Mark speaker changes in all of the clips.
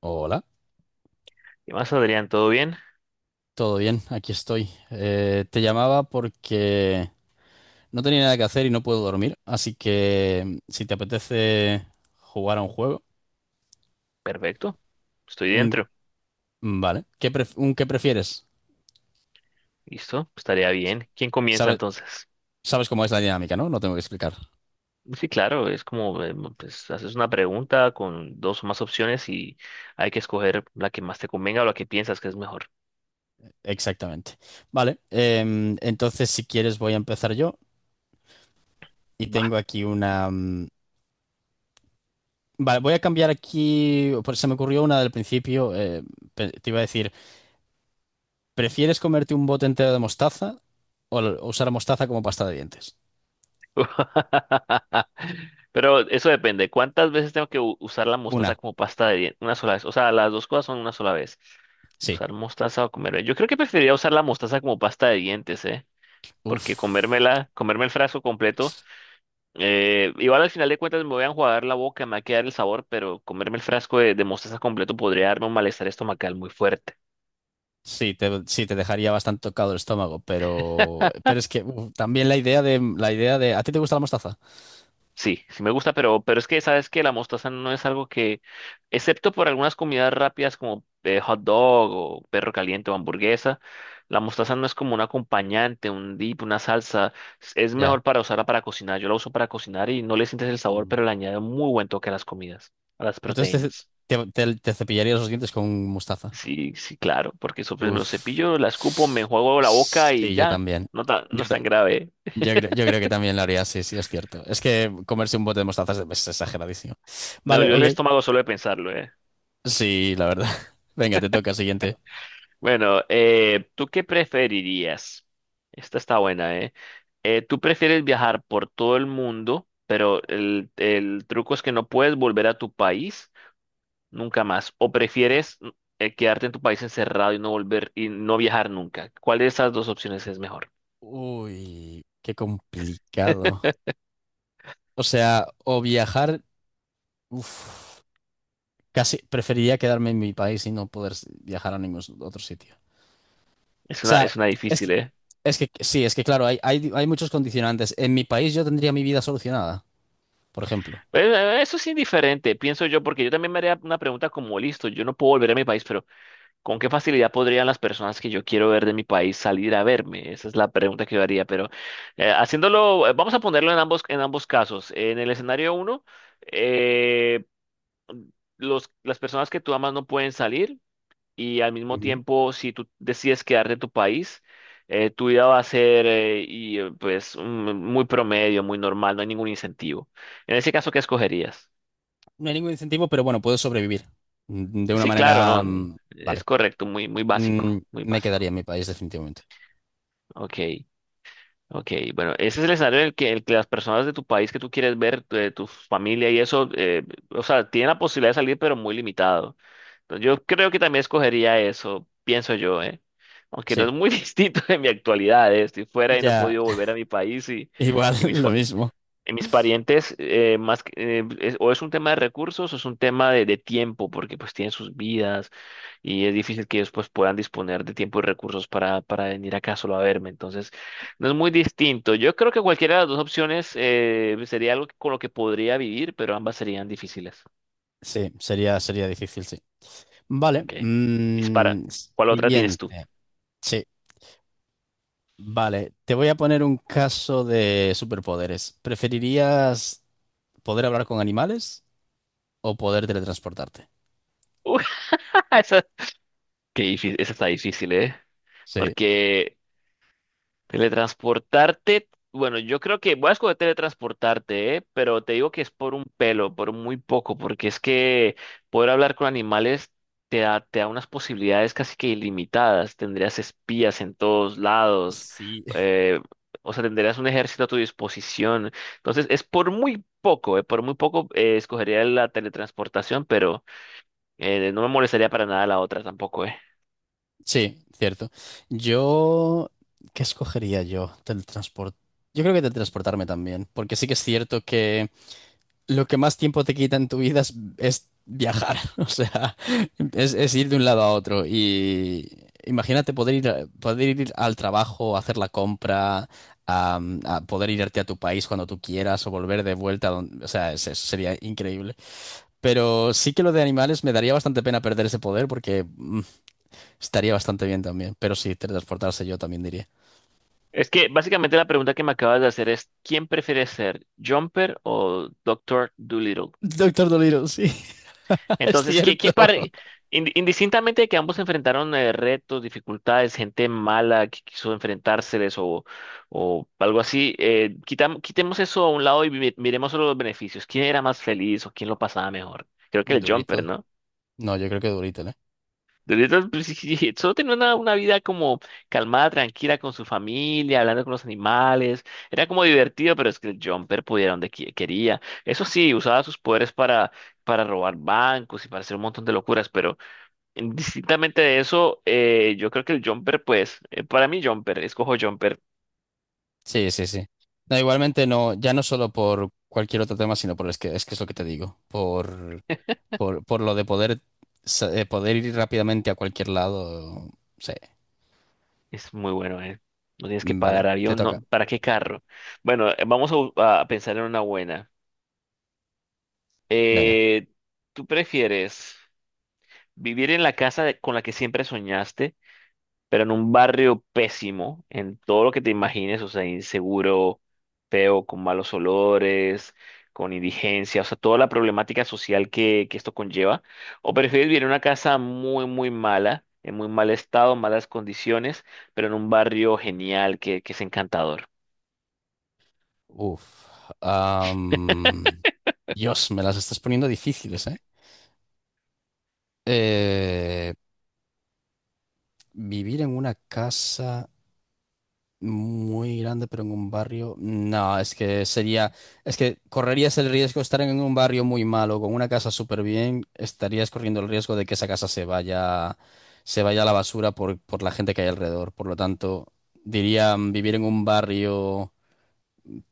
Speaker 1: Hola,
Speaker 2: ¿Qué más, Adrián? ¿Todo bien?
Speaker 1: todo bien, aquí estoy. Te llamaba porque no tenía nada que hacer y no puedo dormir, así que si te apetece jugar a un juego,
Speaker 2: Perfecto. Estoy
Speaker 1: un...
Speaker 2: dentro.
Speaker 1: Vale, ¿ un qué prefieres?
Speaker 2: ¿Listo? Estaría bien. ¿Quién comienza
Speaker 1: Sabes,
Speaker 2: entonces?
Speaker 1: sabes cómo es la dinámica, ¿no? No tengo que explicar.
Speaker 2: Sí, claro, es como, pues, haces una pregunta con dos o más opciones y hay que escoger la que más te convenga o la que piensas que es mejor.
Speaker 1: Exactamente. Vale, entonces si quieres voy a empezar yo y
Speaker 2: Va.
Speaker 1: tengo aquí Vale, voy a cambiar aquí, pues se me ocurrió una del principio, te iba a decir... ¿Prefieres comerte un bote entero de mostaza o usar mostaza como pasta de dientes?
Speaker 2: Pero eso depende. ¿Cuántas veces tengo que usar la mostaza
Speaker 1: Una,
Speaker 2: como pasta de dientes? Una sola vez. O sea, las dos cosas son una sola vez.
Speaker 1: sí.
Speaker 2: Usar mostaza o comerme. Yo creo que preferiría usar la mostaza como pasta de dientes, ¿eh? Porque
Speaker 1: Uf.
Speaker 2: comérmela, comerme el frasco completo. Igual al final de cuentas me voy a enjuagar la boca, me va a quedar el sabor, pero comerme el frasco de mostaza completo podría darme un malestar estomacal muy fuerte.
Speaker 1: Sí, sí, te dejaría bastante tocado el estómago, pero es que uf, también la idea de ¿a ti te gusta la mostaza?
Speaker 2: Sí, sí me gusta, pero es que sabes que la mostaza no es algo que, excepto por algunas comidas rápidas como hot dog o perro caliente o hamburguesa, la mostaza no es como un acompañante, un dip, una salsa. Es
Speaker 1: Ya.
Speaker 2: mejor para usarla para cocinar. Yo la uso para cocinar y no le sientes el sabor,
Speaker 1: Mm.
Speaker 2: pero le añade un muy buen toque a las comidas, a las
Speaker 1: Entonces
Speaker 2: proteínas.
Speaker 1: te cepillarías los dientes con mostaza.
Speaker 2: Sí, sí, claro, porque eso pues me lo
Speaker 1: Uf.
Speaker 2: cepillo, la escupo, me enjuago la boca y
Speaker 1: Sí, yo
Speaker 2: ya,
Speaker 1: también.
Speaker 2: no, no
Speaker 1: Yo,
Speaker 2: es
Speaker 1: ta-
Speaker 2: tan grave.
Speaker 1: yo creo que también lo haría, sí, sí, es cierto. Es que comerse un bote de mostaza es exageradísimo.
Speaker 2: Me
Speaker 1: Vale,
Speaker 2: dolió el
Speaker 1: ok.
Speaker 2: estómago solo de pensarlo, ¿eh?
Speaker 1: Sí, la verdad. Venga, te toca, siguiente.
Speaker 2: Bueno, ¿tú qué preferirías? Esta está buena, ¿eh? ¿Tú prefieres viajar por todo el mundo, pero el truco es que no puedes volver a tu país nunca más? ¿O prefieres quedarte en tu país encerrado y no volver y no viajar nunca? ¿Cuál de esas dos opciones es mejor?
Speaker 1: Uy, qué complicado. O sea, uf, casi preferiría quedarme en mi país y no poder viajar a ningún otro sitio. O sea,
Speaker 2: Es una
Speaker 1: es que,
Speaker 2: difícil, ¿eh?
Speaker 1: es que sí, es que claro, hay muchos condicionantes. En mi país yo tendría mi vida solucionada, por ejemplo.
Speaker 2: Pues, eso es indiferente, pienso yo, porque yo también me haría una pregunta como, listo, yo no puedo volver a mi país, pero ¿con qué facilidad podrían las personas que yo quiero ver de mi país salir a verme? Esa es la pregunta que yo haría, pero haciéndolo, vamos a ponerlo en ambos casos. En el escenario uno, eh, los, las personas que tú amas no pueden salir y al mismo
Speaker 1: Ujú.
Speaker 2: tiempo, si tú decides quedarte en tu país, tu vida va a ser pues, muy promedio, muy normal, no hay ningún incentivo. En ese caso, ¿qué escogerías?
Speaker 1: No hay ningún incentivo, pero bueno, puedo sobrevivir de una
Speaker 2: Sí, claro,
Speaker 1: manera,
Speaker 2: no.
Speaker 1: mm, vale.
Speaker 2: Es correcto, muy, muy básico, muy
Speaker 1: Me
Speaker 2: básico.
Speaker 1: quedaría en mi país definitivamente.
Speaker 2: Ok, ok. Bueno, ese es el escenario en el que las personas de tu país que tú quieres ver, de tu familia y eso, o sea, tienen la posibilidad de salir, pero muy limitado. Entonces, yo creo que también escogería eso, pienso yo, ¿eh? Aunque no
Speaker 1: Sí,
Speaker 2: es muy distinto de mi actualidad, ¿eh? Estoy fuera y no he
Speaker 1: ya,
Speaker 2: podido volver a mi país y,
Speaker 1: igual,
Speaker 2: y mis,
Speaker 1: lo
Speaker 2: fa-
Speaker 1: mismo.
Speaker 2: en mis parientes, o es un tema de recursos o es un tema de tiempo, porque pues tienen sus vidas y es difícil que ellos pues puedan disponer de tiempo y recursos para venir acá solo a verme. Entonces, no es muy distinto. Yo creo que cualquiera de las dos opciones sería algo con lo que podría vivir, pero ambas serían difíciles.
Speaker 1: Sería difícil, sí. Vale.
Speaker 2: Ok, dispara. ¿Cuál otra tienes tú?
Speaker 1: Siguiente. Sí, vale. Te voy a poner un caso de superpoderes. ¿Preferirías poder hablar con animales o poder teletransportarte?
Speaker 2: Uy, esa, esa está difícil, ¿eh?
Speaker 1: Sí,
Speaker 2: Porque... Teletransportarte, bueno, yo creo que voy a escoger teletransportarte, ¿eh? Pero te digo que es por un pelo, por muy poco, porque es que poder hablar con animales te da unas posibilidades casi que ilimitadas. Tendrías espías en todos lados,
Speaker 1: sí,
Speaker 2: eh, o sea, tendrías un ejército a tu disposición. Entonces, es por muy poco, ¿eh? Por muy poco escogería la teletransportación, pero no me molestaría para nada la otra tampoco, ¿eh?
Speaker 1: sí, cierto. Yo, ¿qué escogería yo? Teletransport. Yo creo que teletransportarme también, porque sí que es cierto que lo que más tiempo te quita en tu vida es viajar, o sea, es ir de un lado a otro. Y imagínate poder ir al trabajo, hacer la compra, a poder irte a tu país cuando tú quieras o volver de vuelta, a o sea, eso sería increíble. Pero sí que lo de animales me daría bastante pena perder ese poder porque estaría bastante bien también. Pero sí, teletransportarse yo también diría.
Speaker 2: Es que básicamente la pregunta que me acabas de hacer es, ¿quién prefiere ser Jumper o Doctor Dolittle?
Speaker 1: Doctor Dolittle, sí, es
Speaker 2: Entonces,
Speaker 1: cierto.
Speaker 2: indistintamente de que ambos enfrentaron retos, dificultades, gente mala que quiso enfrentárseles o algo así, quitemos eso a un lado y miremos solo los beneficios. ¿Quién era más feliz o quién lo pasaba mejor? Creo que el Jumper,
Speaker 1: Durito.
Speaker 2: ¿no?
Speaker 1: No, yo creo que Durito, ¿eh?
Speaker 2: De neta, pues, sí, sí, sí, solo tenía una vida como calmada, tranquila con su familia, hablando con los animales. Era como divertido, pero es que el Jumper pudiera donde quería. Eso sí, usaba sus poderes para robar bancos y para hacer un montón de locuras, pero indistintamente de eso, yo creo que el Jumper, pues, para mí Jumper, escojo Jumper,
Speaker 1: Sí, sí, sí. No, igualmente no, ya no solo por cualquier otro tema, sino por es lo que te digo, por lo de poder poder ir rápidamente a cualquier lado. Sí.
Speaker 2: es muy bueno, ¿eh? No tienes que
Speaker 1: Vale,
Speaker 2: pagar
Speaker 1: te
Speaker 2: avión,
Speaker 1: toca.
Speaker 2: no, ¿para qué carro? Bueno, a pensar en una buena.
Speaker 1: Venga.
Speaker 2: Eh, ¿Tú prefieres? Vivir en la casa con la que siempre soñaste, pero en un barrio pésimo, en todo lo que te imagines, o sea, inseguro, feo, con malos olores, con indigencia, o sea, toda la problemática social que esto conlleva. O prefieres vivir en una casa muy, muy mala, en muy mal estado, malas condiciones, pero en un barrio genial que es encantador.
Speaker 1: Uf. Am, Dios, me las estás poniendo difíciles, ¿eh? Eh, Vivir en una casa. Muy grande, pero en un barrio. No, es que sería. Es que correrías el riesgo de estar en un barrio muy malo, con una casa súper bien, estarías corriendo el riesgo de que esa casa se vaya a la basura por la gente que hay alrededor. Por lo tanto, diría vivir en un barrio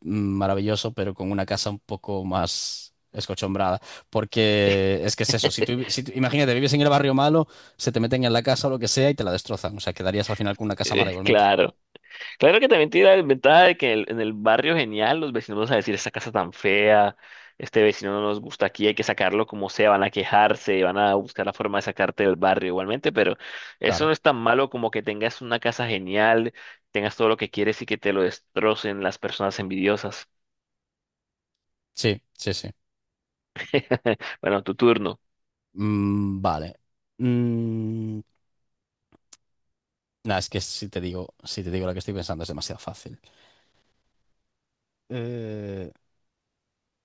Speaker 1: mm, maravilloso, pero con una casa un poco más escochombrada. Porque es que es eso. Si tú, si tú- Imagínate, vives en el barrio malo, se te meten en la casa o lo que sea y te la destrozan. O sea, quedarías al final con una casa mala igualmente.
Speaker 2: Claro. Claro que también tiene la ventaja de que en el barrio genial los vecinos van a decir, esta casa tan fea, este vecino no nos gusta aquí, hay que sacarlo como sea, van a quejarse, van a buscar la forma de sacarte del barrio igualmente, pero eso
Speaker 1: Claro.
Speaker 2: no es tan malo como que tengas una casa genial, tengas todo lo que quieres y que te lo destrocen las personas envidiosas.
Speaker 1: Sí, sí, sí.
Speaker 2: Bueno, tu turno.
Speaker 1: Mm, vale. Mm, nah, es que si te digo la que estoy pensando es demasiado fácil. Eh,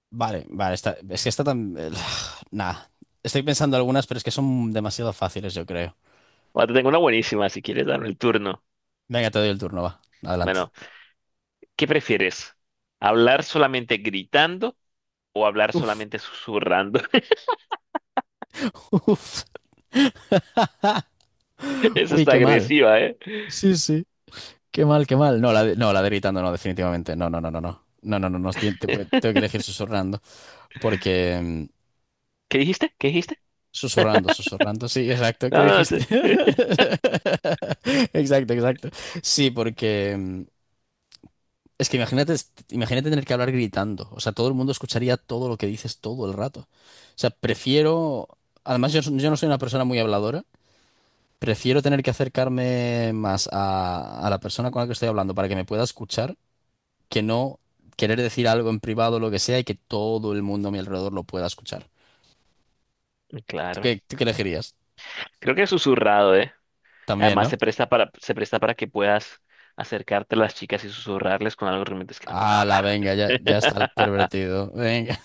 Speaker 1: es que está tan... Nah, estoy pensando algunas, pero es que son demasiado fáciles, yo creo.
Speaker 2: Bueno, te tengo una buenísima si quieres darme el turno.
Speaker 1: Venga, te doy el turno, va. Adelante.
Speaker 2: Bueno, ¿qué prefieres? ¿Hablar solamente gritando o hablar
Speaker 1: Uf,
Speaker 2: solamente susurrando?
Speaker 1: uf.
Speaker 2: Eso
Speaker 1: Uy,
Speaker 2: está
Speaker 1: qué mal.
Speaker 2: agresiva, ¿eh?
Speaker 1: Sí, sí. Qué mal, qué mal. No, la de gritando no, definitivamente. No, no, no, no, no. No, no, no, no. Tengo que elegir susurrando porque... mm,
Speaker 2: ¿Qué dijiste? ¿Qué dijiste?
Speaker 1: Susurrando, susurrando, sí, exacto, ¿qué
Speaker 2: No, no
Speaker 1: dijiste?
Speaker 2: sé.
Speaker 1: Exacto, exacto. Sí, porque es que imagínate, imagínate tener que hablar gritando, o sea, todo el mundo escucharía todo lo que dices todo el rato. O sea, prefiero, yo no soy una persona muy habladora, prefiero tener que acercarme más a la persona con la que estoy hablando para que me pueda escuchar, que no querer decir algo en privado o lo que sea y que todo el mundo a mi alrededor lo pueda escuchar. ¿Tú
Speaker 2: Claro.
Speaker 1: qué, tú qué elegirías?
Speaker 2: Creo que es susurrado, ¿eh?
Speaker 1: También,
Speaker 2: Además
Speaker 1: ¿no?
Speaker 2: se presta para que puedas acercarte a las chicas y susurrarles con algo realmente es que no puedo
Speaker 1: Ah, la
Speaker 2: hablar. ¿No?
Speaker 1: venga, ya, ya está el pervertido. Venga.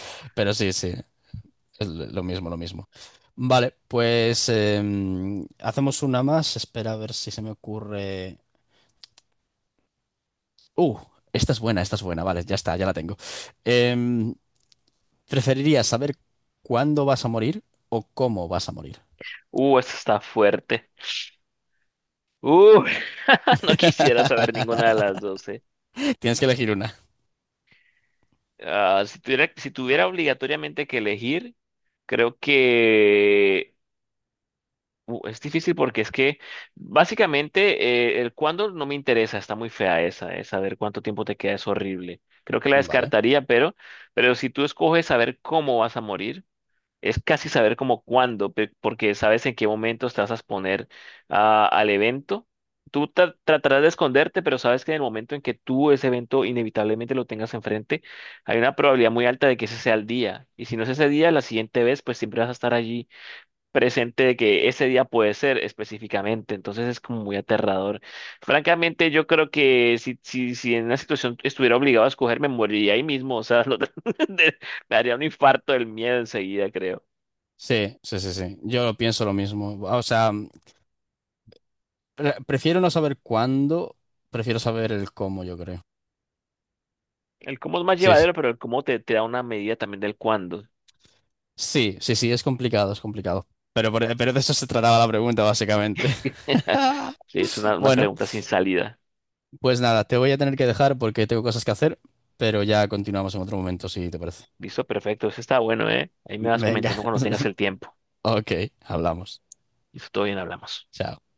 Speaker 1: Pero sí, sí, es lo mismo, lo mismo. Vale, pues hacemos una más. Espera a ver si se me ocurre. Uh, esta es buena, esta es buena. Vale, ya está, ya la tengo. Em, ¿Preferirías saber cuándo vas a morir o cómo vas a morir?
Speaker 2: Esto está fuerte. Uh, no quisiera saber ninguna de las dos, ¿eh?
Speaker 1: Tienes que elegir una.
Speaker 2: Ah, si tuviera, si tuviera obligatoriamente que elegir, creo que uh, es difícil porque es que básicamente el cuándo no me interesa, está muy fea esa, es saber cuánto tiempo te queda es horrible. Creo que la
Speaker 1: Vale.
Speaker 2: descartaría, pero si tú escoges saber cómo vas a morir, es casi saber como cuándo, porque sabes en qué momento te vas a exponer al evento. Tratarás de esconderte, pero sabes que en el momento en que tú ese evento inevitablemente lo tengas enfrente, hay una probabilidad muy alta de que ese sea el día. Y si no es ese día, la siguiente vez, pues siempre vas a estar allí presente de que ese día puede ser específicamente, entonces es como muy aterrador. Francamente, yo creo que si en una situación estuviera obligado a escoger, me moriría ahí mismo, o sea, de- me haría un infarto del miedo enseguida, creo.
Speaker 1: Sí, sí, sí, sí. Yo pienso lo mismo. O sea, prefiero no saber cuándo, prefiero saber el cómo, yo creo.
Speaker 2: El cómo es más
Speaker 1: Sí, sí.
Speaker 2: llevadero, pero el cómo te da una medida también del cuándo.
Speaker 1: Sí, sí, sí, es complicado, es complicado. Pero de eso se trataba la pregunta, básicamente.
Speaker 2: Sí, es una
Speaker 1: Bueno,
Speaker 2: pregunta sin salida.
Speaker 1: pues nada, te voy a tener que dejar porque tengo cosas que hacer, pero ya continuamos en otro momento, si te parece.
Speaker 2: Listo, perfecto, eso está bueno, ¿eh? Ahí me vas
Speaker 1: Venga,
Speaker 2: comentando cuando tengas el tiempo.
Speaker 1: ok, hablamos.
Speaker 2: Listo, todo bien, hablamos.
Speaker 1: Chao.